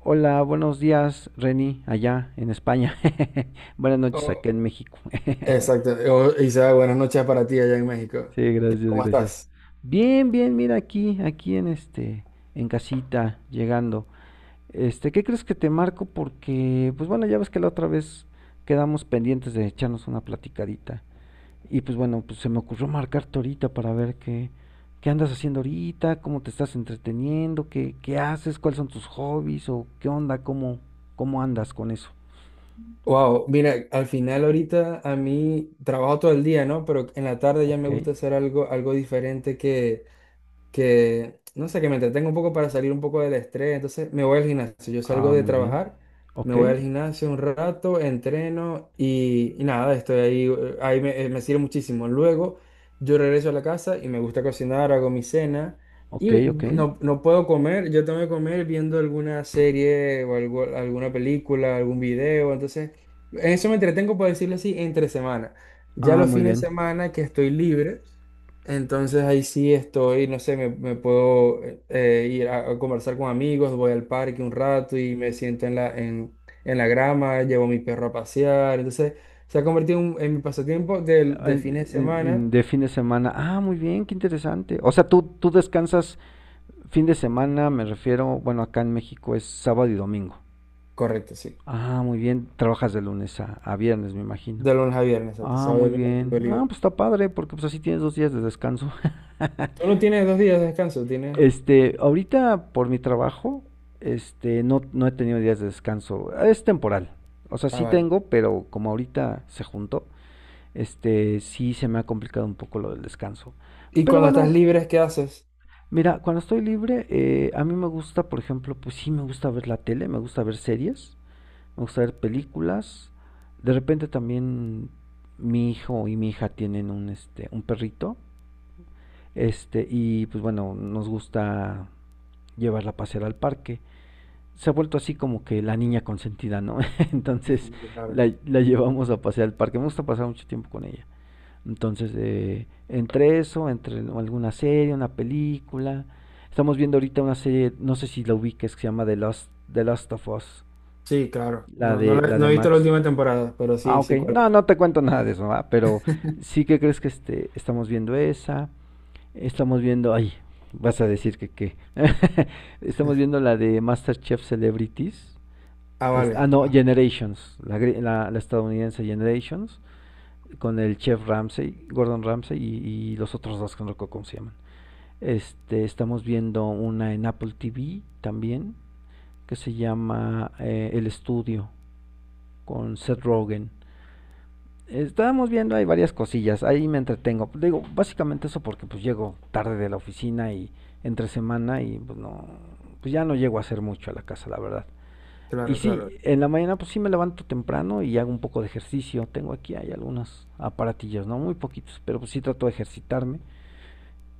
Hola, buenos días, Reni, allá en España. Buenas noches acá Oh, en México. exacto. Oh, Isa, buenas noches para ti allá en México. Sí, gracias, ¿Cómo gracias. estás? Bien, bien, mira aquí en en casita, llegando. Este, ¿qué crees que te marco? Porque, pues bueno, ya ves que la otra vez quedamos pendientes de echarnos una platicadita. Y pues bueno, pues se me ocurrió marcarte ahorita para ver qué andas haciendo ahorita, cómo te estás entreteniendo, qué haces, cuáles son tus hobbies o qué onda, cómo andas con eso. Wow, mira, al final ahorita a mí trabajo todo el día, ¿no? Pero en la tarde ya Ok. me gusta hacer algo, algo diferente que, no sé, que me entretengo un poco para salir un poco del estrés. Entonces me voy al gimnasio. Yo salgo Ah, de muy bien. trabajar, me Ok, voy al gimnasio un rato, entreno y nada, estoy ahí, ahí me sirve muchísimo. Luego yo regreso a la casa y me gusta cocinar, hago mi cena. ok, Y ok. no, no puedo comer, yo tengo que comer viendo alguna serie o alguna película, algún video. Entonces, en eso me entretengo, por decirlo así, entre semana. Ya Ah, los muy fines de bien. semana que estoy libre, entonces ahí sí estoy, no sé, me puedo ir a conversar con amigos, voy al parque un rato y me siento en en la grama, llevo a mi perro a pasear. Entonces se ha convertido en, en mi pasatiempo de fines de En- semana. en- de fin de semana. Ah, muy bien, qué interesante. O sea, tú descansas fin de semana, me refiero, bueno, acá en México es sábado y domingo. Correcto, sí. Ah, muy bien. Trabajas de lunes a viernes, me imagino. De lunes a viernes, exacto. Ah, Sábado y muy domingo lo bien. tengo Ah, libre. pues está padre, porque pues así tienes dos días de descanso. Tú no tienes dos días de descanso, tienes... Este, ahorita por mi trabajo, no, no he tenido días de descanso. Es temporal. O sea, Ah, sí vale. tengo, pero como ahorita se juntó, este, sí se me ha complicado un poco lo del descanso. Y Pero cuando estás bueno, libre, ¿qué haces? mira, cuando estoy libre, a mí me gusta, por ejemplo, pues sí me gusta ver la tele, me gusta ver series, me gusta ver películas. De repente también mi hijo y mi hija tienen un perrito, este, y pues bueno, nos gusta llevarla a pasear al parque. Se ha vuelto así como que la niña consentida, ¿no? Entonces Ujú, claro. la llevamos a pasear al parque. Me gusta pasar mucho tiempo con ella. Entonces, entre eso, entre alguna serie, una película. Estamos viendo ahorita una serie, no sé si la ubiques, que se llama The Last of Us, Sí, claro. No, no, la de no he visto la Max. última temporada, pero Ah, sí, ok. sí, cuál es. No, no te cuento nada de eso, ¿va? Pero sí que crees que estamos viendo esa. Estamos viendo, ay, vas a decir que qué. Estamos viendo la de MasterChef Celebrities. Ah, vale. No, Ah, Generations, la estadounidense Generations con el chef Ramsay Gordon Ramsay y los otros dos que no recuerdo cómo se llaman. Este, estamos viendo una en Apple TV también que se llama El Estudio con Seth ok. Rogen. Estábamos viendo hay varias cosillas, ahí me entretengo. Digo, básicamente eso porque pues llego tarde de la oficina y entre semana y pues ya no llego a hacer mucho a la casa, la verdad. Y Claro, claro. sí, en la mañana pues sí me levanto temprano y hago un poco de ejercicio. Tengo aquí, hay algunos aparatillos, ¿no? Muy poquitos, pero pues sí trato de ejercitarme.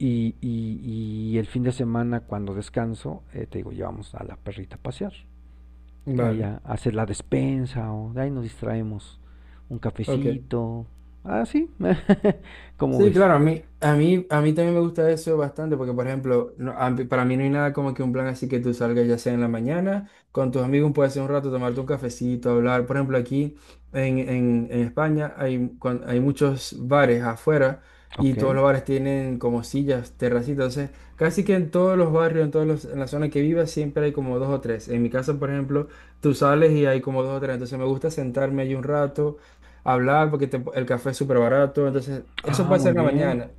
Y el fin de semana cuando descanso, te digo, llevamos a la perrita a pasear. Vale. Allá a hacer la despensa o de ahí nos distraemos. Un Ok. cafecito. Ah, sí. ¿Cómo Sí, ves? claro, a mí también me gusta eso bastante porque, por ejemplo, para mí no hay nada como que un plan así que tú salgas ya sea en la mañana, con tus amigos puedes hacer un rato, tomarte un cafecito, hablar. Por ejemplo, aquí en España hay, hay muchos bares afuera y Ok. todos los bares tienen como sillas, terracitas. Entonces, casi que en todos los barrios, en la zona que vivas, siempre hay como dos o tres. En mi casa, por ejemplo, tú sales y hay como dos o tres. Entonces, me gusta sentarme allí un rato hablar porque el café es súper barato. Entonces, eso Ah, puede ser muy en la bien. mañana.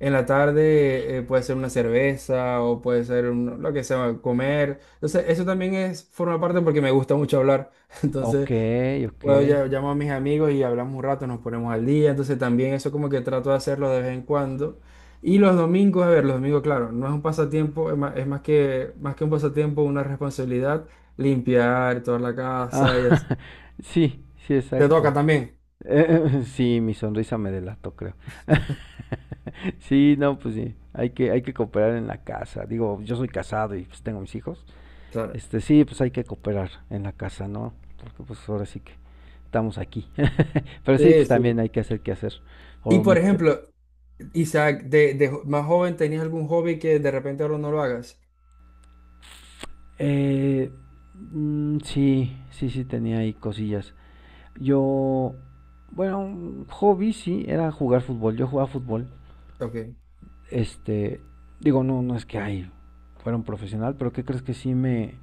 En la tarde puede ser una cerveza o puede ser lo que sea, comer. Entonces, eso también es, forma parte porque me gusta mucho hablar. Ok, Entonces, ok. puedo ya, llamo a mis amigos y hablamos un rato, nos ponemos al día. Entonces, también eso como que trato de hacerlo de vez en cuando. Y los domingos, a ver, los domingos, claro, no es un pasatiempo, es más, más que un pasatiempo, una responsabilidad, limpiar toda la Ah, casa y así. sí, sí, Te exacto. toca también. Sí, mi sonrisa me delató, creo. Sí, no, pues sí, hay que cooperar en la casa. Digo, yo soy casado y pues tengo mis hijos. Claro. Este, sí, pues hay que cooperar en la casa, ¿no? Porque pues ahora sí que estamos aquí. Pero sí, Sí, pues también sí. hay que hacer qué hacer. Y O por meter... ejemplo, Isaac, más joven, ¿tenías algún hobby que de repente ahora no lo hagas? Eh, sí, sí tenía ahí cosillas. Yo, bueno, un hobby sí, era jugar fútbol. Yo jugaba fútbol. Ok, Este, digo, no, no es que ay, fuera un profesional, pero ¿qué crees que sí me,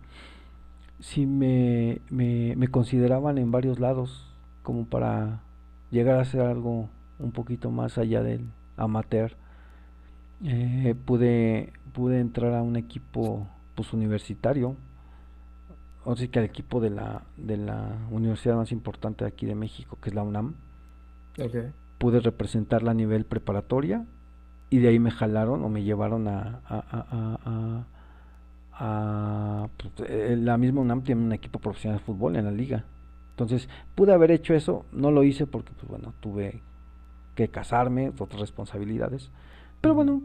sí me, me, me consideraban en varios lados como para llegar a hacer algo un poquito más allá del amateur. Pude entrar a un equipo pues universitario, o sea que al equipo de la universidad más importante de aquí de México, que es la UNAM, ok. pude representarla a nivel preparatoria y de ahí me jalaron o me llevaron a Ah, pues, la misma UNAM tiene un equipo profesional de fútbol en la liga. Entonces, pude haber hecho eso, no lo hice porque, pues bueno, tuve que casarme, otras responsabilidades. Pero Ujú. bueno,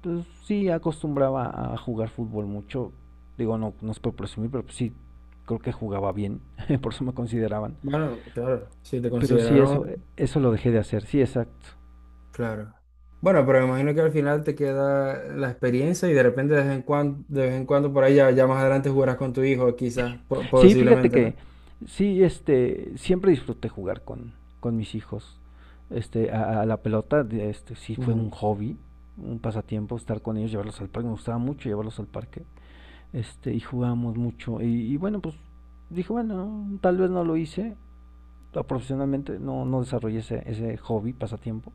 pues, sí acostumbraba a jugar fútbol mucho. Digo, no, no es por presumir, pero pues, sí creo que jugaba bien, por eso me consideraban. Bueno, claro, si te Pero sí, consideraron, eso, eso lo dejé de hacer, sí, exacto. claro. Bueno, pero me imagino que al final te queda la experiencia y de repente de vez en cuando por ahí ya, ya más adelante jugarás con tu hijo, quizás, Sí, fíjate posiblemente, que sí, este, siempre disfruté jugar con mis hijos. A la pelota, sí fue un ¿no? hobby, un pasatiempo estar con ellos, llevarlos al parque. Me gustaba mucho llevarlos al parque. Este, y jugábamos mucho. Y bueno, pues dije, bueno, tal vez no lo hice profesionalmente, no, no desarrollé ese hobby, pasatiempo.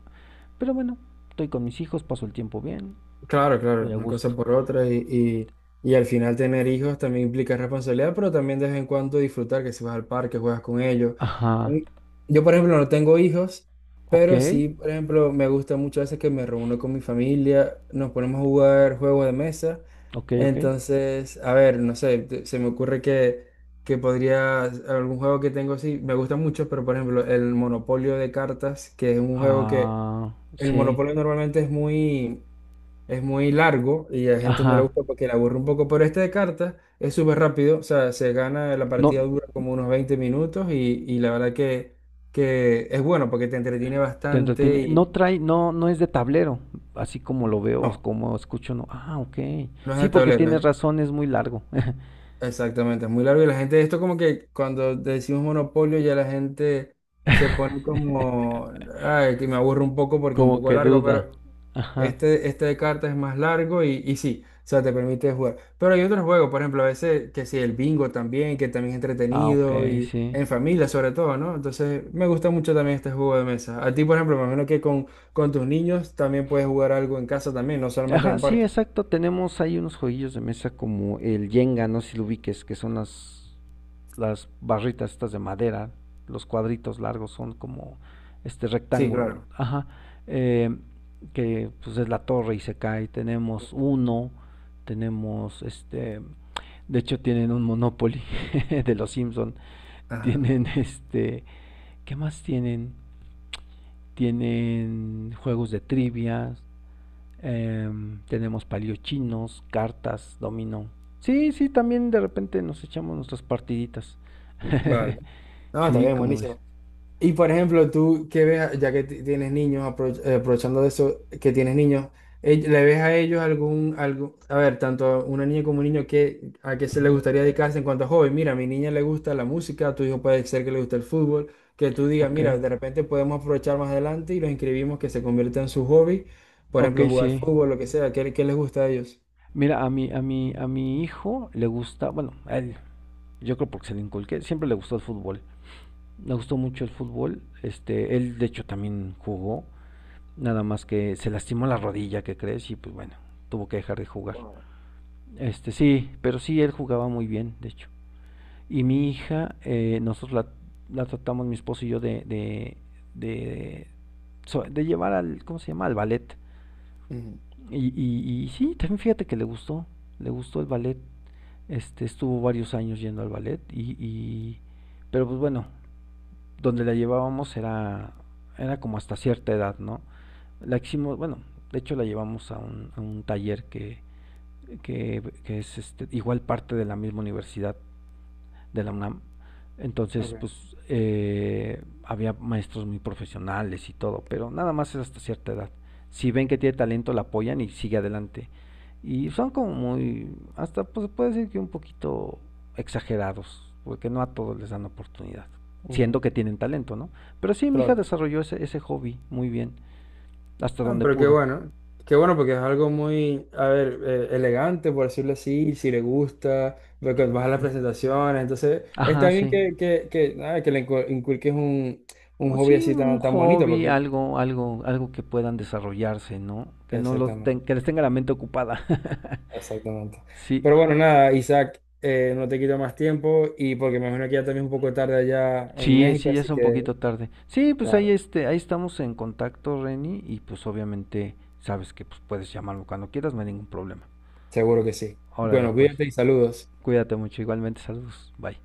Pero bueno, estoy con mis hijos, paso el tiempo bien, Claro, claro, estoy a una cosa gusto. por otra y al final tener hijos también implica responsabilidad, pero también de vez en cuando disfrutar, que si vas al parque, juegas con ellos. A Ajá. mí- Yo, por ejemplo, no tengo hijos, Ok, pero sí, por ejemplo, me gusta mucho veces que me reúno con mi familia, nos ponemos a jugar juegos de mesa. ok, ok. Entonces, a ver, no sé, se me ocurre que podría, algún juego que tengo, sí, me gusta mucho, pero por ejemplo, el Monopolio de cartas, que es un juego que, Ah, el sí. Monopolio normalmente es muy largo y a la gente no le Ajá. gusta porque le aburre un poco, pero este de cartas es súper rápido, o sea, se gana, la partida No dura como unos 20 minutos y la verdad que es bueno porque te entretiene te bastante entretiene, y no trae, no es de tablero, así como lo veo, o no, como escucho, no, ah, ok, no es sí, de porque tablero, tienes razón, es muy largo, exactamente, es muy largo y la gente, esto como que cuando decimos monopolio ya la gente se pone como, ay, que me aburre un poco porque es un como poco que largo, duda, pero... ajá, Este de cartas es más largo y sí, o sea, te permite jugar. Pero hay otros juegos, por ejemplo, a veces que sí, el bingo también, que también es ah, ok, entretenido y sí, en familia sobre todo, ¿no? Entonces, me gusta mucho también este juego de mesa. A ti, por ejemplo, me imagino con tus niños también puedes jugar algo en casa también, no solamente en ajá, el sí, parque. exacto, tenemos ahí unos jueguillos de mesa como el Jenga, no sé si lo ubiques, que son las barritas estas de madera, los cuadritos largos son como este Sí, rectángulo, claro. ajá, eh, que pues es la torre y se cae. Tenemos uno, tenemos este, de hecho tienen un Monopoly de los Simpson, Ajá. tienen este, ¿qué más tienen? Tienen juegos de trivia eh, tenemos paliochinos, cartas, dominó. Sí, sí, también de repente nos echamos nuestras partiditas. Vale. No, está Sí, bien, como ves. buenísimo. Y por ejemplo, tú que ves, ya que tienes niños, aprovechando de eso, que tienes niños, ¿le ves a ellos algún, algo, a ver, tanto a una niña como un niño, que, a qué se le Ujú. gustaría dedicarse en cuanto a hobby? Mira, a mi niña le gusta la música, a tu hijo puede ser que le guste el fútbol, que tú digas, Ok, mira, de repente podemos aprovechar más adelante y los inscribimos que se convierta en su hobby, por ok, ejemplo, jugar sí. fútbol, lo que sea, ¿qué, qué les gusta a ellos? Mira, a mi hijo le gusta, bueno, a él, yo creo porque se le inculqué, siempre le gustó el fútbol. Le gustó mucho el fútbol. Este, él de hecho también jugó, nada más que se lastimó la rodilla, ¿qué crees? Y pues bueno, tuvo que dejar de jugar. Wow. Este, sí, pero sí, él jugaba muy bien, de hecho. Y mi hija, la tratamos, mi esposo y yo, de, de llevar al, ¿cómo se llama? Al ballet. Ujú, Y sí, también fíjate que le gustó el ballet. Este, estuvo varios años yendo al ballet pero pues bueno, donde la llevábamos era como hasta cierta edad, ¿no? La hicimos, bueno, de hecho la llevamos a un taller que es este, igual parte de la misma universidad de la UNAM. Entonces, ok, pues había maestros muy profesionales y todo, pero nada más es hasta cierta edad. Si ven que tiene talento, la apoyan y sigue adelante. Y son como muy, hasta pues puede decir que un poquito exagerados, porque no a todos les dan oportunidad, siendo ujú, que tienen talento, ¿no? Pero sí, mi hija claro. desarrolló ese hobby muy bien, hasta Ah, donde pero pudo. Qué bueno porque es algo muy, a ver, elegante, por decirlo así, si le gusta, porque vas a las presentaciones, entonces Ajá, está bien sí. Que, nada, que inculques un O hobby sí, así un tan, tan bonito, hobby, porque algo que puedan desarrollarse, ¿no? Que no los exactamente, ten- que les tenga la mente ocupada. exactamente. Sí, Pero bueno, nada, Isaac, no te quito más tiempo y porque me imagino que ya también es un poco tarde allá en México, sí, ya así es un que, poquito tarde. Sí, pues ahí claro, este, ahí estamos en contacto, Reni, y pues obviamente sabes que pues puedes llamarlo cuando quieras, no hay ningún problema. seguro que sí. Órale, Bueno, pues. cuídate y saludos. Cuídate mucho, igualmente, saludos. Bye.